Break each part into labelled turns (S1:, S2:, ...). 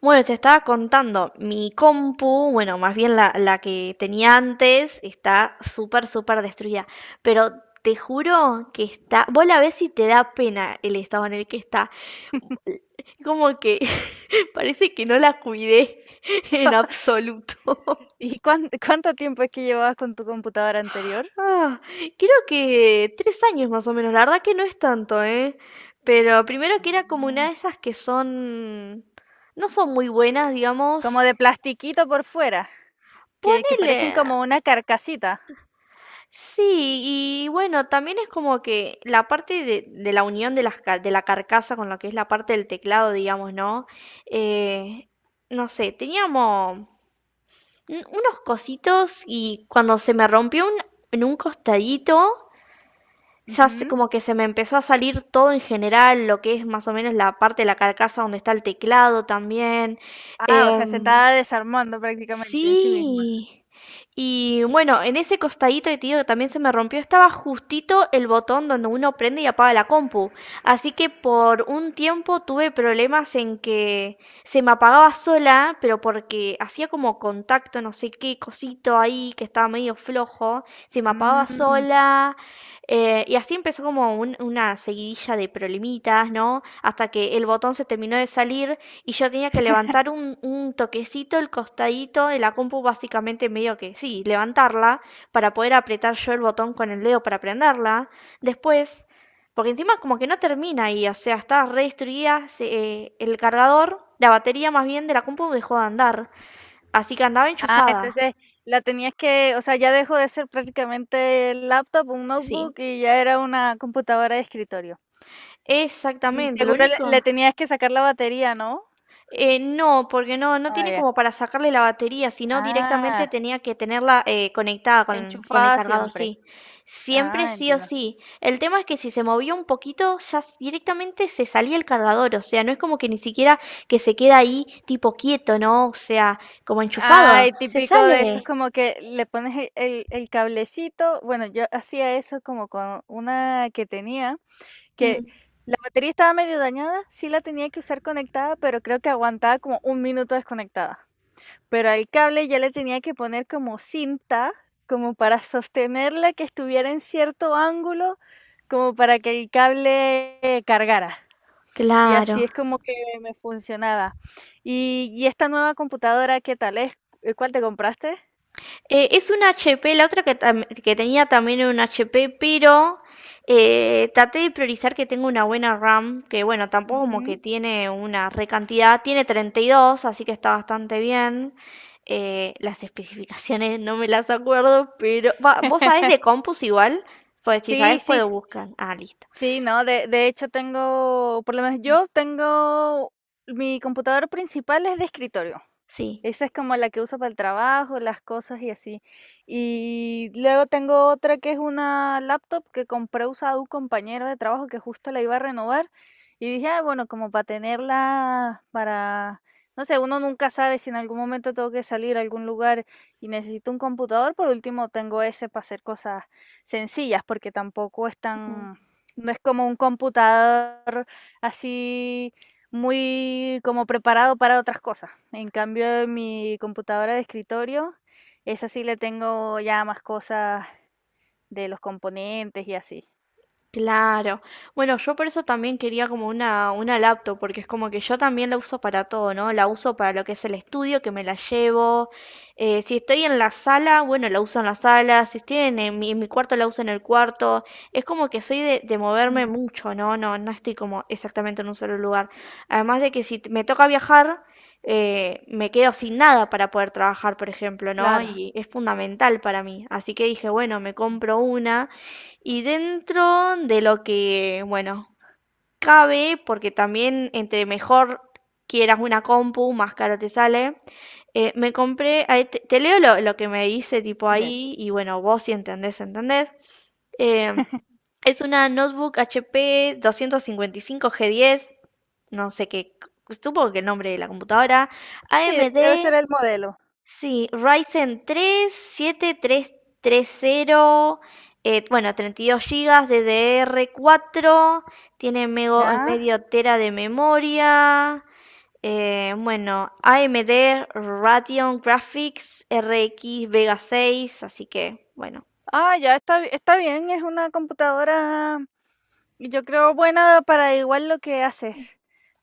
S1: Bueno, te estaba contando, mi compu, bueno, más bien la que tenía antes, está súper, súper destruida. Pero te juro que está. Vos la ves y te da pena el estado en el que está. Como que parece que no la cuidé en absoluto.
S2: ¿Y cuánto tiempo es que llevabas con tu computadora anterior?
S1: Ah, creo que 3 años más o menos. La verdad que no es tanto, ¿eh? Pero primero que era como una
S2: Ah.
S1: de esas que son. No son muy buenas,
S2: Como
S1: digamos.
S2: de plastiquito por fuera, que
S1: Ponele.
S2: parecen como una carcasita.
S1: Sí, y bueno, también es como que la parte de la unión de la carcasa con lo que es la parte del teclado, digamos, ¿no? Eh, no sé, teníamos unos cositos y cuando se me rompió en un costadito, ya
S2: Ujú.
S1: como que se me empezó a salir todo en general, lo que es más o menos la parte de la carcasa donde está el teclado también.
S2: Ah, o sea, se
S1: Em,
S2: estaba desarmando prácticamente en sí misma.
S1: Sí. Y bueno, en ese costadito de tío que también se me rompió, estaba justito el botón donde uno prende y apaga la compu. Así que por un tiempo tuve problemas en que se me apagaba sola, pero porque hacía como contacto, no sé qué cosito ahí que estaba medio flojo, se me apagaba
S2: Mm.
S1: sola. Y así empezó como una seguidilla de problemitas, ¿no? Hasta que el botón se terminó de salir y yo tenía que levantar un toquecito el costadito de la compu, básicamente medio que sí, levantarla para poder apretar yo el botón con el dedo para prenderla. Después, porque encima como que no termina ahí, o sea, está re destruida. El cargador, la batería más bien de la compu dejó de andar, así que andaba
S2: Ah,
S1: enchufada.
S2: entonces la tenías que, o sea, ya dejó de ser prácticamente laptop, un
S1: Sí,
S2: notebook, y ya era una computadora de escritorio. Y
S1: exactamente, lo
S2: seguro le
S1: único.
S2: le tenías que sacar la batería, ¿no?
S1: No, porque no, no
S2: Ah,
S1: tiene
S2: ya.
S1: como para sacarle la batería, sino
S2: Ah,
S1: directamente tenía que tenerla conectada con el
S2: enchufada
S1: cargador,
S2: siempre.
S1: sí. Siempre
S2: Ah,
S1: sí o
S2: entiendo.
S1: sí. El tema es que si se movió un poquito, ya directamente se salía el cargador, o sea, no es como que ni siquiera que se queda ahí tipo quieto, ¿no? O sea, como enchufado,
S2: Ay,
S1: se
S2: típico de esos
S1: sale.
S2: como que le pones el cablecito. Bueno, yo hacía eso como con una que tenía, que
S1: Mm,
S2: la batería estaba medio dañada, sí la tenía que usar conectada, pero creo que aguantaba como un minuto desconectada. Pero al cable ya le tenía que poner como cinta, como para sostenerla que estuviera en cierto ángulo, como para que el cable cargara. Y así
S1: claro.
S2: es como que me funcionaba. Y esta nueva computadora, ¿qué tal es? ¿Cuál te compraste?
S1: Es un HP, la otra que tenía también era un HP, pero traté de priorizar que tenga una buena RAM, que bueno, tampoco como que
S2: Ujú.
S1: tiene una recantidad, tiene 32, así que está bastante bien. Las especificaciones no me las acuerdo, pero va, vos sabés de compus igual, pues si
S2: Sí,
S1: sabés
S2: sí,
S1: puedo buscar. Ah, listo.
S2: sí, no, de hecho tengo, por lo menos yo tengo mi computador principal es de escritorio.
S1: Sí.
S2: Esa es como la que uso para el trabajo, las cosas y así. Y luego tengo otra que es una laptop que compré usada a un compañero de trabajo que justo la iba a renovar. Y dije, ah, bueno, como para tenerla para, no sé, uno nunca sabe si en algún momento tengo que salir a algún lugar y necesito un computador. Por último, tengo ese para hacer cosas sencillas, porque tampoco es tan, no es como un computador así muy como preparado para otras cosas. En cambio, mi computadora de escritorio, esa sí le tengo ya más cosas de los componentes y así.
S1: Claro. Bueno, yo por eso también quería como una laptop, porque es como que yo también la uso para todo, ¿no? La uso para lo que es el estudio, que me la llevo. Si estoy en la sala, bueno, la uso en la sala. Si estoy en mi cuarto, la uso en el cuarto. Es como que soy de moverme
S2: Mm,
S1: mucho, ¿no? No, no estoy como exactamente en un solo lugar. Además de que si me toca viajar, me quedo sin nada para poder trabajar, por ejemplo, ¿no?
S2: claro.
S1: Y es fundamental para mí. Así que dije, bueno, me
S2: Mm.
S1: compro una. Y dentro de lo que, bueno, cabe, porque también entre mejor quieras una compu, más caro te sale, me compré, ahí te leo lo que me dice tipo
S2: Ya.
S1: ahí, y bueno, vos si entendés, entendés. Eh, es una notebook HP 255G10, no sé qué, supongo que el nombre de la computadora,
S2: Sí,
S1: AMD
S2: debe ser el modelo.
S1: Sí, Ryzen 3 siete tres 7330, bueno, 32 GB DDR4, tiene
S2: Ya.
S1: medio tera de memoria, bueno, AMD Radeon Graphics RX Vega 6, así que, bueno,
S2: Ah, ya está, bi- está bien, es una computadora, yo creo, buena para igual lo que haces.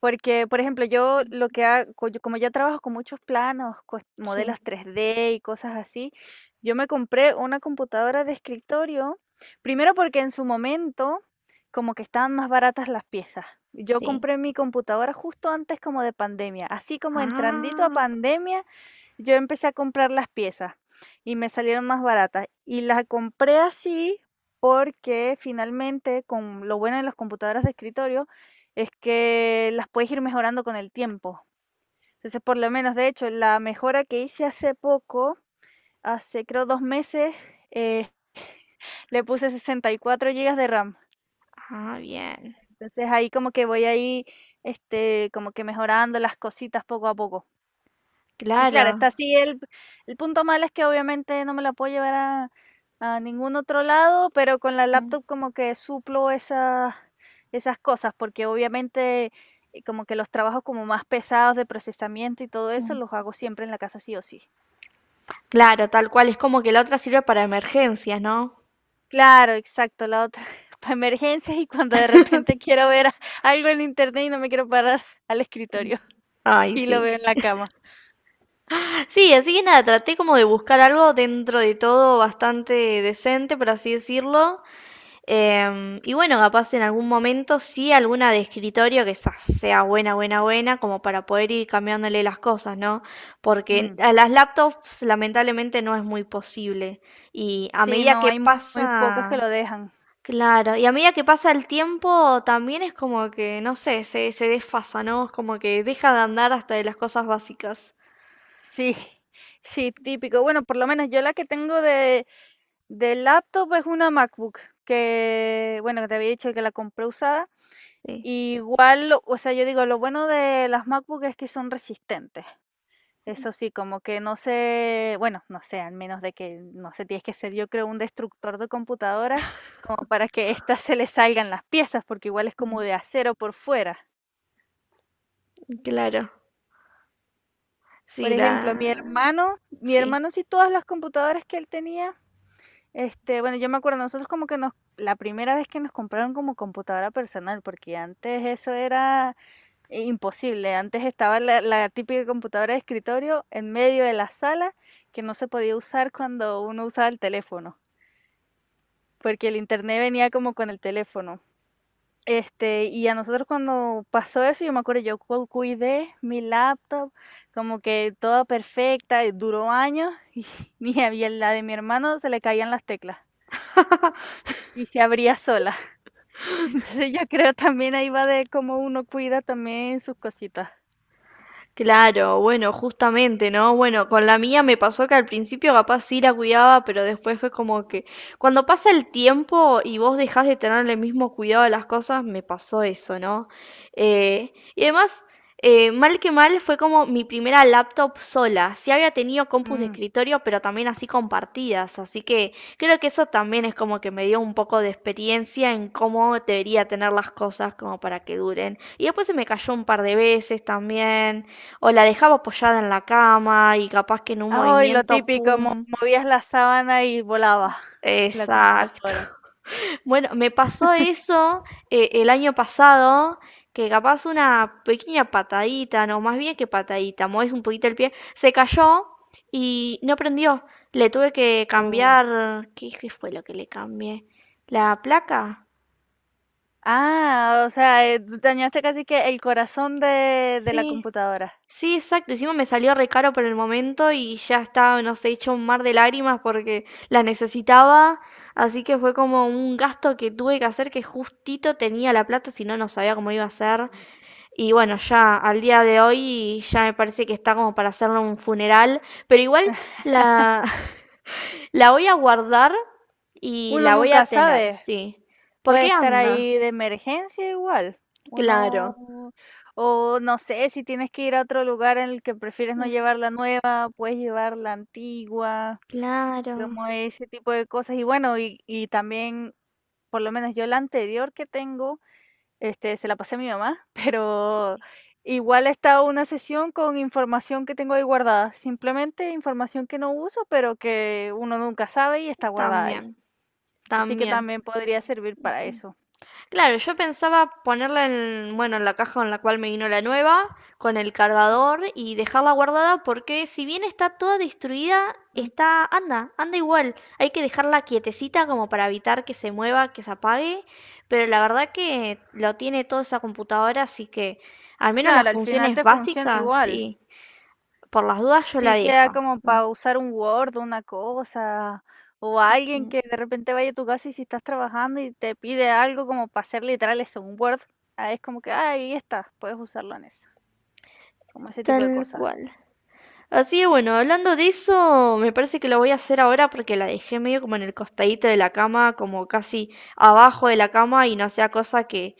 S2: Porque, por ejemplo, yo lo que hago, como ya trabajo con muchos planos,
S1: sí,
S2: modelos 3D y cosas así, yo me compré una computadora de escritorio, primero porque en su momento como que estaban más baratas las piezas. Yo
S1: sí.
S2: compré mi computadora justo antes como de pandemia, así como entrandito a
S1: Ah,
S2: pandemia, yo empecé a comprar las piezas. Y me salieron más baratas. Y las compré así porque finalmente, con lo bueno de las computadoras de escritorio, es que las puedes ir mejorando con el tiempo. Entonces, por lo menos, de hecho, la mejora que hice hace poco, hace creo 2 meses, eh, le puse 64 gigas de RAM.
S1: ah, bien,
S2: Entonces ahí como que voy ahí, como que mejorando las cositas poco a poco. Y claro, está
S1: claro.
S2: así el punto malo es que obviamente no me la puedo llevar a ningún otro lado, pero con la
S1: Mm,
S2: laptop como que suplo esas esas cosas, porque obviamente, como que los trabajos como más pesados de procesamiento y todo eso, los
S1: mm.
S2: hago siempre en la casa sí o sí.
S1: Claro, tal cual, es como que la otra sirve para emergencias, ¿no?
S2: Claro, exacto, la otra para emergencias y cuando de repente quiero ver a algo en internet y no me quiero parar al escritorio
S1: Ay,
S2: y lo
S1: sí.
S2: veo en la cama.
S1: Sí, así que nada, traté como de buscar algo dentro de todo bastante decente, por así decirlo. Y bueno, capaz en algún momento sí alguna de escritorio que esa sea buena, buena, buena, como para poder ir cambiándole las cosas, ¿no? Porque
S2: Mm.
S1: a las laptops lamentablemente no es muy posible. Y a
S2: Sí,
S1: medida
S2: no,
S1: que
S2: hay muy pocas que
S1: pasa,
S2: lo dejan.
S1: claro, y a medida que pasa el tiempo también es como que, no sé, se desfasa, ¿no? Es como que deja de andar hasta de las cosas básicas.
S2: Sí, sí, típico. Bueno, por lo menos yo la que tengo de, laptop es una MacBook, que, bueno, que te había dicho que la compré usada.
S1: Sí.
S2: Igual, o sea, yo digo, lo bueno de las MacBook es que son resistentes. Eso sí, como que no sé, bueno, no sé, al menos de que, no sé, tienes que ser yo creo un destructor de computadoras como para que éstas se le salgan las piezas, porque igual es como
S1: Mm,
S2: de acero por fuera.
S1: claro.
S2: Por
S1: Sí, la...
S2: ejemplo, mi hermano, mi
S1: Sí.
S2: hermano sí todas las computadoras que él tenía. Bueno, yo me acuerdo, nosotros como que nos la primera vez que nos compraron como computadora personal, porque antes eso era imposible. Antes estaba la, la típica computadora de escritorio en medio de la sala que no se podía usar cuando uno usaba el teléfono, porque el internet venía como con el teléfono. Y a nosotros cuando pasó eso, yo me acuerdo, yo cuidé mi laptop, como que toda perfecta, y duró años, y a la de mi hermano se le caían las teclas y se abría sola. Entonces, yo creo también ahí va de cómo uno cuida también sus cositas.
S1: Claro, bueno, justamente, ¿no? Bueno, con la mía me pasó que al principio capaz sí la cuidaba, pero después fue como que cuando pasa el tiempo y vos dejás de tener el mismo cuidado de las cosas, me pasó eso, ¿no? Y además, mal que mal, fue como mi primera laptop sola. Sí había tenido compus de
S2: Mm.
S1: escritorio, pero también así compartidas, así que creo que eso también es como que me dio un poco de experiencia en cómo debería tener las cosas como para que duren. Y después se me cayó un par de veces también o la dejaba apoyada en la cama y capaz que en un
S2: Ay, lo
S1: movimiento,
S2: típico, mo
S1: ¡pum!
S2: movías la sábana y volaba la
S1: Exacto.
S2: computadora.
S1: Bueno, me pasó eso, el año pasado, que capaz una pequeña patadita, no, más bien que patadita, mueves un poquito el pie, se cayó y no prendió. Le tuve que
S2: Oh.
S1: cambiar, ¿qué fue lo que le cambié? ¿La placa?
S2: Ah, o sea, dañaste casi que el corazón de la
S1: Sí,
S2: computadora.
S1: sí, exacto. Encima me salió re caro por el momento y ya estaba, no sé, hecho un mar de lágrimas porque la necesitaba. Así que fue como un gasto que tuve que hacer que justito tenía la plata, si no, no sabía cómo iba a ser. Y bueno, ya al día de hoy ya me parece que está como para hacerle un funeral. Pero igual la, la voy a guardar y
S2: Uno
S1: la voy
S2: nunca
S1: a tener,
S2: sabe.
S1: sí. ¿Por
S2: Puede
S1: qué
S2: estar
S1: anda?
S2: ahí de emergencia igual.
S1: Claro.
S2: Uno, o no sé, si tienes que ir a otro lugar en el que prefieres no llevar
S1: Mm,
S2: la nueva, puedes llevar la antigua,
S1: claro,
S2: como ese tipo de cosas. Y bueno, y, también, por lo menos yo la anterior que tengo, se la pasé a mi mamá, pero igual está una sesión con información que tengo ahí guardada. Simplemente información que no uso, pero que uno nunca sabe y está guardada ahí.
S1: también,
S2: Así que
S1: también.
S2: también podría servir para eso.
S1: Claro, yo pensaba ponerla en, bueno, en la caja en la cual me vino la nueva, con el cargador y dejarla guardada porque si bien está toda destruida, está, anda igual. Hay que dejarla quietecita como para evitar que se mueva, que se apague, pero la verdad que lo tiene toda esa computadora, así que al menos las
S2: Claro, al final
S1: funciones
S2: te funciona
S1: básicas,
S2: igual.
S1: sí. Por las dudas yo la
S2: Si sea
S1: dejo.
S2: como
S1: Mm.
S2: para usar un Word, una cosa, o alguien que de repente vaya a tu casa y si estás trabajando y te pide algo como para hacer literal eso, un Word, ah, es como que ah, ahí está, puedes usarlo en eso, como ese tipo de
S1: Tal
S2: cosas.
S1: cual. Así que bueno, hablando de eso, me parece que lo voy a hacer ahora porque la dejé medio como en el costadito de la cama, como casi abajo de la cama y no sea cosa que,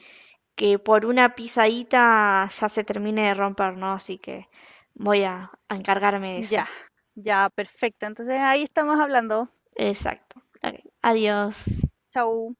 S1: que por una pisadita ya se termine de romper, ¿no? Así que voy a encargarme de
S2: Ya,
S1: eso.
S2: ya, perfecto. Entonces ahí estamos hablando.
S1: Exacto. Ok. Adiós.
S2: Chau.